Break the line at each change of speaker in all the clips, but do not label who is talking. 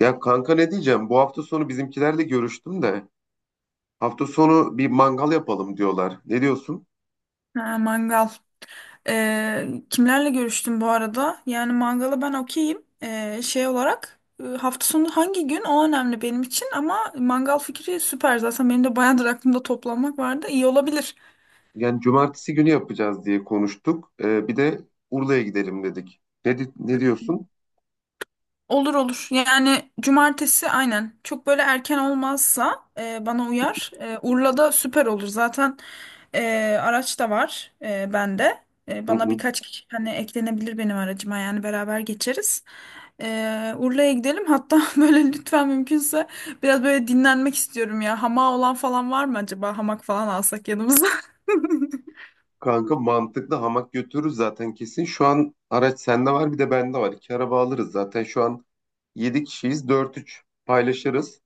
Ya kanka ne diyeceğim? Bu hafta sonu bizimkilerle görüştüm de hafta sonu bir mangal yapalım diyorlar. Ne diyorsun?
Ha, mangal. Kimlerle görüştüm bu arada? Yani mangala ben okeyim. Şey olarak hafta sonu hangi gün o önemli benim için ama mangal fikri süper. Zaten benim de bayağıdır aklımda toplanmak vardı. İyi olabilir.
Yani cumartesi günü yapacağız diye konuştuk. Bir de Urla'ya gidelim dedik. Ne diyorsun?
Olur olur. Yani cumartesi aynen. Çok böyle erken olmazsa bana uyar. E, Urla'da süper olur. Zaten e, araç da var bende. E,
Hı
bana
hı.
birkaç kişi hani eklenebilir benim aracıma yani beraber geçeriz. E, Urla'ya gidelim. Hatta böyle lütfen mümkünse biraz böyle dinlenmek istiyorum ya. Hamağı olan falan var mı acaba? Hamak falan alsak yanımıza.
Kanka mantıklı, hamak götürürüz zaten kesin. Şu an araç sende var, bir de bende var. İki araba alırız zaten. Şu an 7 kişiyiz, dört üç paylaşırız.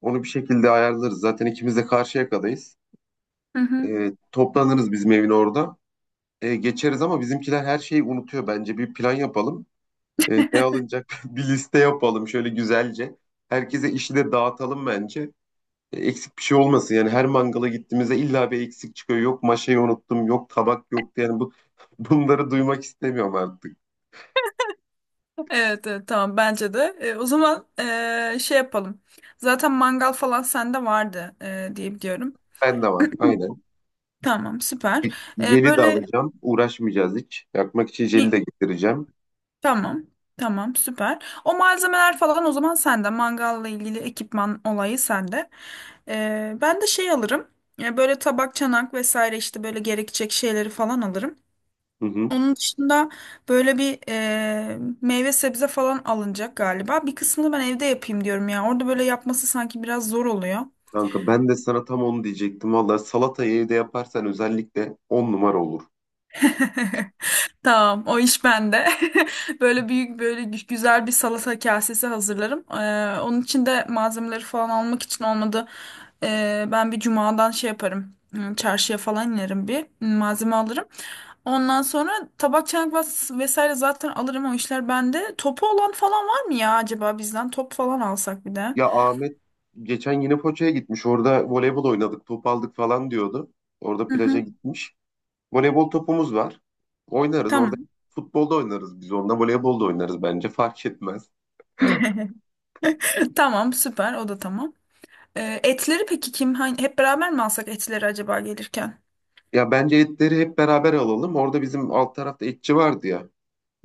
Onu bir şekilde ayarlarız. Zaten ikimiz de Karşıyaka'dayız.
Hı hı.
Toplanırız bizim evin orada. Geçeriz ama bizimkiler her şeyi unutuyor. Bence bir plan yapalım. Ne alınacak bir liste yapalım şöyle güzelce. Herkese işi de dağıtalım bence. Eksik bir şey olmasın. Yani her mangala gittiğimizde illa bir eksik çıkıyor. Yok maşayı unuttum, yok tabak yoktu. Yani bu bunları duymak istemiyorum artık.
Evet, evet tamam bence de. E, o zaman şey yapalım. Zaten mangal falan sende vardı diye biliyorum.
Ben de var. Aynen.
Tamam
E,
süper. E,
Jeli de
böyle
alacağım. Uğraşmayacağız hiç. Yakmak için jeli de getireceğim.
Tamam. Tamam, süper. O malzemeler falan o zaman sende. Mangalla ilgili ekipman olayı sende. Ben de şey alırım. Böyle tabak, çanak vesaire işte böyle gerekecek şeyleri falan alırım.
Hı hı.
Onun dışında böyle bir meyve sebze falan alınacak galiba. Bir kısmını ben evde yapayım diyorum ya. Orada böyle yapması sanki biraz zor oluyor.
Kanka ben de sana tam onu diyecektim. Vallahi salatayı evde yaparsan özellikle on numara olur.
Tamam, o iş bende. Böyle büyük böyle güzel bir salata kasesi hazırlarım. Onun için de malzemeleri falan almak için olmadı. Ben bir cumadan şey yaparım. Hmm, çarşıya falan inerim bir hmm, malzeme alırım. Ondan sonra tabak çanak vesaire zaten alırım o işler bende. Topu olan falan var mı ya acaba bizden? Top falan alsak bir de.
Ya Ahmet geçen yine Foça'ya gitmiş. Orada voleybol oynadık, top aldık falan diyordu. Orada
Hı
plaja
hı,
gitmiş. Voleybol topumuz var. Oynarız orada.
tamam.
Futbolda oynarız biz onunla. Voleybolda oynarız bence. Fark etmez.
Tamam süper o da tamam. Etleri peki kim? Hani hep beraber mi alsak etleri acaba gelirken?
Ya bence etleri hep beraber alalım. Orada bizim alt tarafta etçi vardı ya.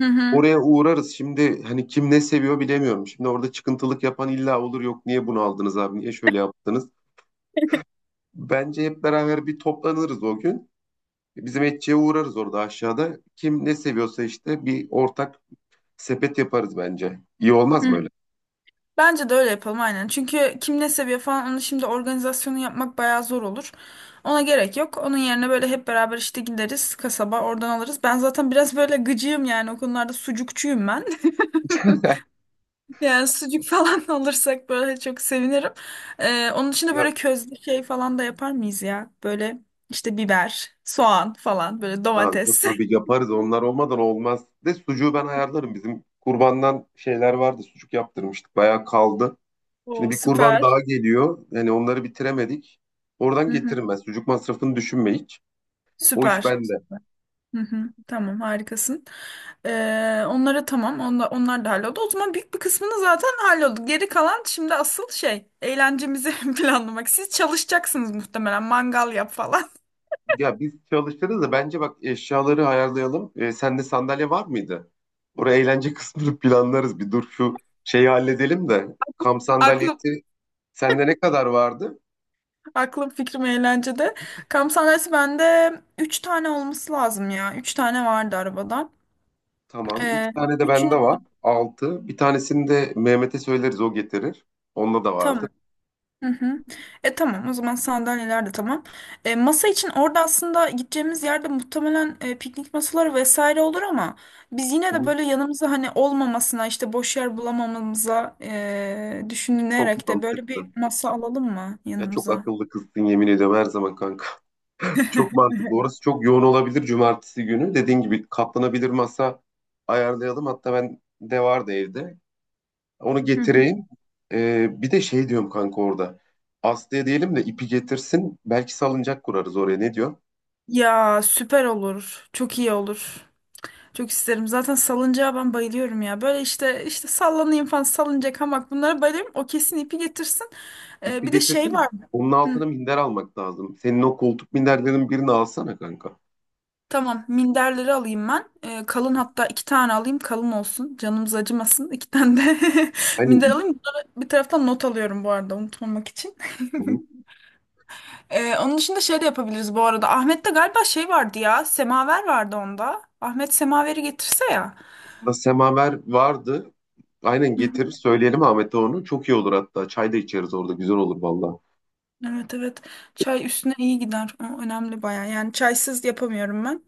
Hı hı.
Oraya uğrarız. Şimdi hani kim ne seviyor bilemiyorum. Şimdi orada çıkıntılık yapan illa olur. Yok niye bunu aldınız abi? Niye şöyle yaptınız? Bence hep beraber bir toplanırız o gün. Bizim etçiye uğrarız orada aşağıda. Kim ne seviyorsa işte bir ortak sepet yaparız bence. İyi olmaz
hı.
mı öyle?
Bence de öyle yapalım aynen. Çünkü kim ne seviyor falan onu şimdi organizasyonu yapmak bayağı zor olur. Ona gerek yok. Onun yerine böyle hep beraber işte gideriz kasaba oradan alırız. Ben zaten biraz böyle gıcığım yani o konularda sucukçuyum ben. Yani sucuk falan alırsak böyle çok sevinirim. Onun için de
Ya
böyle közlü şey falan da yapar mıyız ya? Böyle işte biber, soğan falan böyle
kanka
domates.
tabii yaparız. Onlar olmadan olmaz. De sucuğu ben ayarlarım. Bizim kurbandan şeyler vardı. Sucuk yaptırmıştık. Bayağı kaldı. Şimdi
O
bir kurban
süper.
daha geliyor. Yani onları bitiremedik. Oradan
Hı hı.
getiririm ben. Sucuk masrafını düşünme hiç. O iş
Süper.
bende.
Hı hı, tamam harikasın. Onlara tamam onlar, onlar da halloldu. O zaman büyük bir kısmını zaten halloldu. Geri kalan şimdi asıl şey eğlencemizi planlamak. Siz çalışacaksınız muhtemelen mangal yap falan.
Ya biz çalışırız da bence bak eşyaları ayarlayalım. Sende sandalye var mıydı? Oraya eğlence kısmını planlarız. Bir dur şu şeyi halledelim de. Kamp
Aklım,
sandalyesi sende ne kadar vardı?
aklım fikrim eğlencede. Kamp sahnesi bende 3 tane olması lazım ya. 3 tane vardı arabada.
Tamam. Üç
Ee,
tane de
Üçünü
bende var. Altı. Bir tanesini de Mehmet'e söyleriz, o getirir. Onda da vardı.
tamam. Hı hı. E tamam o zaman sandalyeler de tamam. E, masa için orada aslında gideceğimiz yerde muhtemelen piknik masaları vesaire olur ama biz yine
Hı
de
hı.
böyle yanımıza hani olmamasına işte boş yer bulamamamıza düşünülerek
Çok
de böyle bir
mantıklı.
masa alalım mı
Ya çok
yanımıza?
akıllı kızsın yemin ediyorum her zaman kanka. Çok mantıklı. Orası çok yoğun olabilir cumartesi günü. Dediğin gibi katlanabilir masa ayarlayalım. Hatta ben de vardı evde. Onu
Hı hı.
getireyim. Bir de şey diyorum kanka orada. Aslı'ya diyelim de ipi getirsin. Belki salıncak kurarız oraya. Ne diyor?
Ya süper olur. Çok iyi olur. Çok isterim. Zaten salıncağa ben bayılıyorum ya. Böyle işte işte sallanayım falan salıncak hamak bunlara bayılıyorum. O kesin ipi getirsin. E,
İpi
bir de şey
getirsin de
var.
onun
Hı.
altına minder almak lazım. Senin o koltuk minderlerin birini alsana kanka.
Tamam, minderleri alayım ben. Kalın hatta 2 tane alayım, kalın olsun. Canımız acımasın. 2 tane de
Hani
minder alayım. Bunları bir taraftan not alıyorum bu arada unutmamak için. Onun dışında şey de yapabiliriz bu arada. Ahmet'te galiba şey vardı ya, semaver vardı onda. Ahmet semaveri getirse ya.
da semaver vardı. Aynen
Hı
getirir,
hı.
söyleyelim Ahmet'e onu. Çok iyi olur hatta. Çay da içeriz orada. Güzel olur valla.
Evet evet. Çay üstüne iyi gider. O önemli baya. Yani çaysız yapamıyorum ben.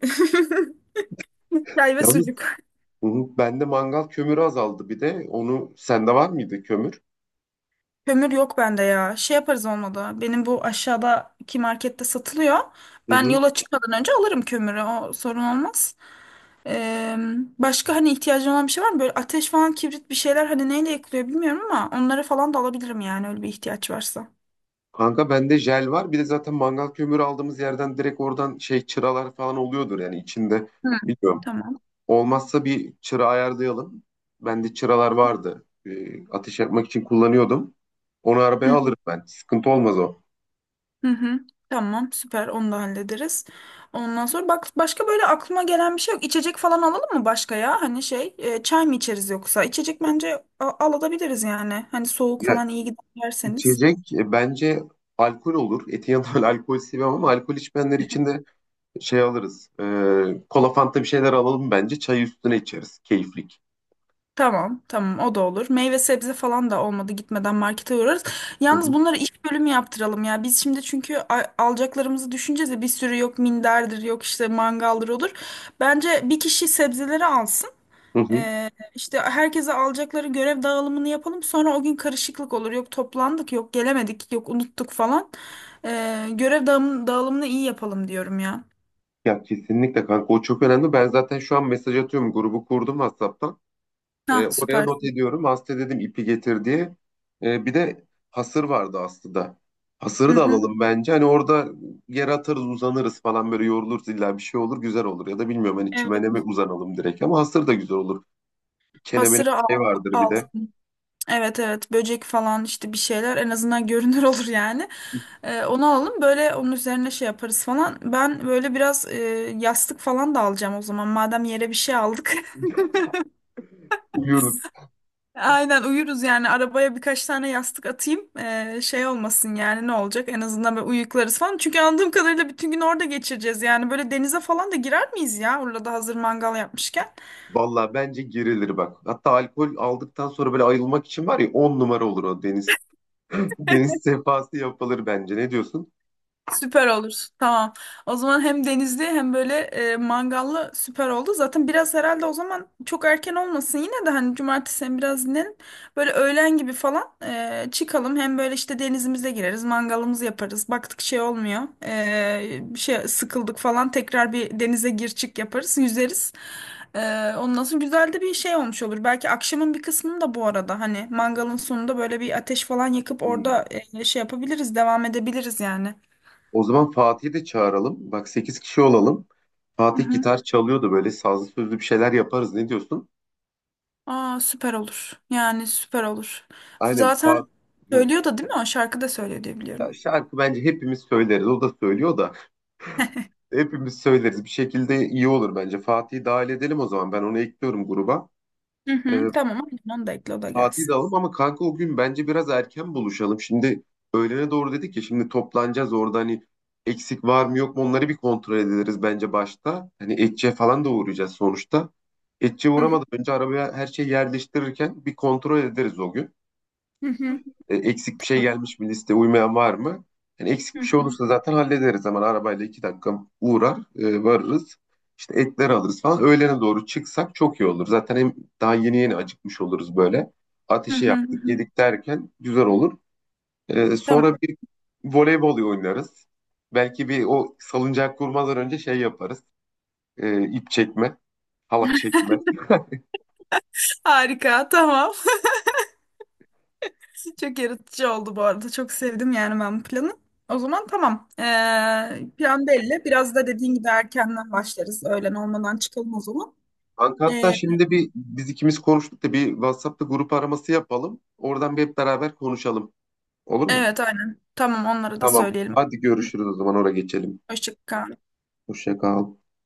Çay ve
Yalnız
sucuk.
hı hı, bende mangal kömürü azaldı bir de. Onu sende var mıydı, kömür?
Kömür yok bende ya. Şey yaparız olmadı. Benim bu aşağıdaki markette satılıyor.
Hı
Ben
hı.
yola çıkmadan önce alırım kömürü. O sorun olmaz. Ee, Başka hani ihtiyacın olan bir şey var mı? Böyle ateş falan, kibrit bir şeyler hani neyle yakılıyor bilmiyorum ama onları falan da alabilirim yani öyle bir ihtiyaç varsa.
Kanka bende jel var. Bir de zaten mangal kömürü aldığımız yerden direkt oradan şey çıralar falan oluyordur yani içinde.
Hı.
Biliyorum.
Tamam.
Olmazsa bir çıra ayarlayalım. Bende çıralar vardı. Ateş yakmak için kullanıyordum. Onu
Hı.
arabaya alırım ben. Sıkıntı olmaz o.
Hı hı. Tamam, süper. Onu da hallederiz. Ondan sonra bak başka böyle aklıma gelen bir şey yok. İçecek falan alalım mı başka ya? Hani şey, çay mı içeriz yoksa? İçecek bence alabiliriz yani. Hani soğuk
Ya
falan iyi gider derseniz.
içecek bence alkol olur. Etin yanında öyle alkol seviyorum ama alkol içmeyenler için de şey alırız. Kola, fanta, bir şeyler alalım bence. Çayı üstüne içeriz. Keyiflik.
Tamam, tamam o da olur. Meyve sebze falan da olmadı gitmeden markete uğrarız.
Hı
Yalnız
hı.
bunları iş bölümü yaptıralım ya. Biz şimdi çünkü alacaklarımızı düşüneceğiz de bir sürü yok minderdir, yok işte mangaldır olur. Bence bir kişi sebzeleri alsın.
Hı hı.
İşte herkese alacakları görev dağılımını yapalım. Sonra o gün karışıklık olur. Yok toplandık, yok gelemedik, yok unuttuk falan. Görev dağılımını iyi yapalım diyorum ya.
Ya kesinlikle kanka, o çok önemli. Ben zaten şu an mesaj atıyorum. Grubu kurdum WhatsApp'tan.
Hah
Oraya
süper.
not ediyorum. Aslı dedim ipi getir diye. Bir de hasır vardı Aslı'da.
Hı
Hasırı da
hı.
alalım bence. Hani orada yer atarız, uzanırız falan, böyle yoruluruz, illa bir şey olur, güzel olur. Ya da bilmiyorum hani çimene mi
Evet.
uzanalım direkt, ama hasır da güzel olur. Kenemenin
Hasırı
şey
al,
vardır bir
al.
de.
Evet evet böcek falan işte bir şeyler en azından görünür olur yani. Onu alalım böyle onun üzerine şey yaparız falan. Ben böyle biraz yastık falan da alacağım o zaman. Madem yere bir şey aldık.
Uyuruz.
Aynen uyuruz yani arabaya birkaç tane yastık atayım. Şey olmasın yani ne olacak en azından böyle uyuklarız falan. Çünkü anladığım kadarıyla bütün gün orada geçireceğiz yani böyle denize falan da girer miyiz ya orada hazır mangal yapmışken.
Valla bence girilir bak. Hatta alkol aldıktan sonra böyle ayılmak için var ya, 10 numara olur o deniz. Deniz sefası yapılır bence. Ne diyorsun?
Süper olur. Tamam. O zaman hem denizli hem böyle mangallı süper oldu. Zaten biraz herhalde o zaman çok erken olmasın yine de hani cumartesi hem biraz dinlenin. Böyle öğlen gibi falan çıkalım. Hem böyle işte denizimize gireriz, mangalımızı yaparız. Baktık şey olmuyor. E, bir şey sıkıldık falan tekrar bir denize gir çık yaparız, yüzeriz. E, ondan sonra güzel de bir şey olmuş olur. Belki akşamın bir kısmını da bu arada hani mangalın sonunda böyle bir ateş falan yakıp orada şey yapabiliriz, devam edebiliriz yani.
O zaman Fatih'i de çağıralım. Bak, 8 kişi olalım.
Hı
Fatih
hı.
gitar çalıyordu, böyle sazlı sözlü bir şeyler yaparız. Ne diyorsun?
Aa süper olur. Yani süper olur.
Aynen
Zaten
Fatih.
söylüyor da değil mi? O şarkı da söylüyor diye biliyorum.
Şarkı bence hepimiz söyleriz. O da söylüyor da hepimiz söyleriz. Bir şekilde iyi olur bence. Fatih'i dahil edelim o zaman. Ben onu ekliyorum gruba.
Hı
Ee,
hı. Tamam. Onu da ekle o da
Fatih'i de
gelsin.
alalım ama kanka o gün bence biraz erken buluşalım. Şimdi öğlene doğru dedik ya, şimdi toplanacağız orada, hani eksik var mı yok mu onları bir kontrol ederiz bence başta. Hani Etçe falan da uğrayacağız sonuçta. Etçe
Hı hı.
uğramadan önce arabaya her şeyi yerleştirirken bir kontrol ederiz o gün.
Hı hı.
Eksik bir şey
Tamam.
gelmiş mi, liste uymayan var mı? Yani eksik
Hı
bir şey
hı.
olursa zaten hallederiz hemen, arabayla 2 dakika uğrar varırız. İşte etler alırız falan. Öğlene doğru çıksak çok iyi olur. Zaten hem daha yeni yeni acıkmış oluruz böyle.
Hı
Ateşi
hı. Hı
yaktık,
hı.
yedik derken güzel olur. Sonra
Tamam.
bir voleybol oynarız. Belki bir o salıncak kurmadan önce şey yaparız. İp çekme, halat çekme.
Harika. Tamam. Çok yaratıcı oldu bu arada. Çok sevdim yani ben bu planı. O zaman tamam. Plan belli. Biraz da dediğin gibi erkenden başlarız. Öğlen olmadan çıkalım o zaman.
Kanka hatta
Ee,
şimdi bir biz ikimiz konuştuk da bir WhatsApp'ta grup araması yapalım. Oradan bir hep beraber konuşalım. Olur mu?
evet aynen. Tamam onlara da
Tamam.
söyleyelim.
Hadi
Hı.
görüşürüz o zaman. Oraya geçelim.
Hoşça kal.
Hoşça kal.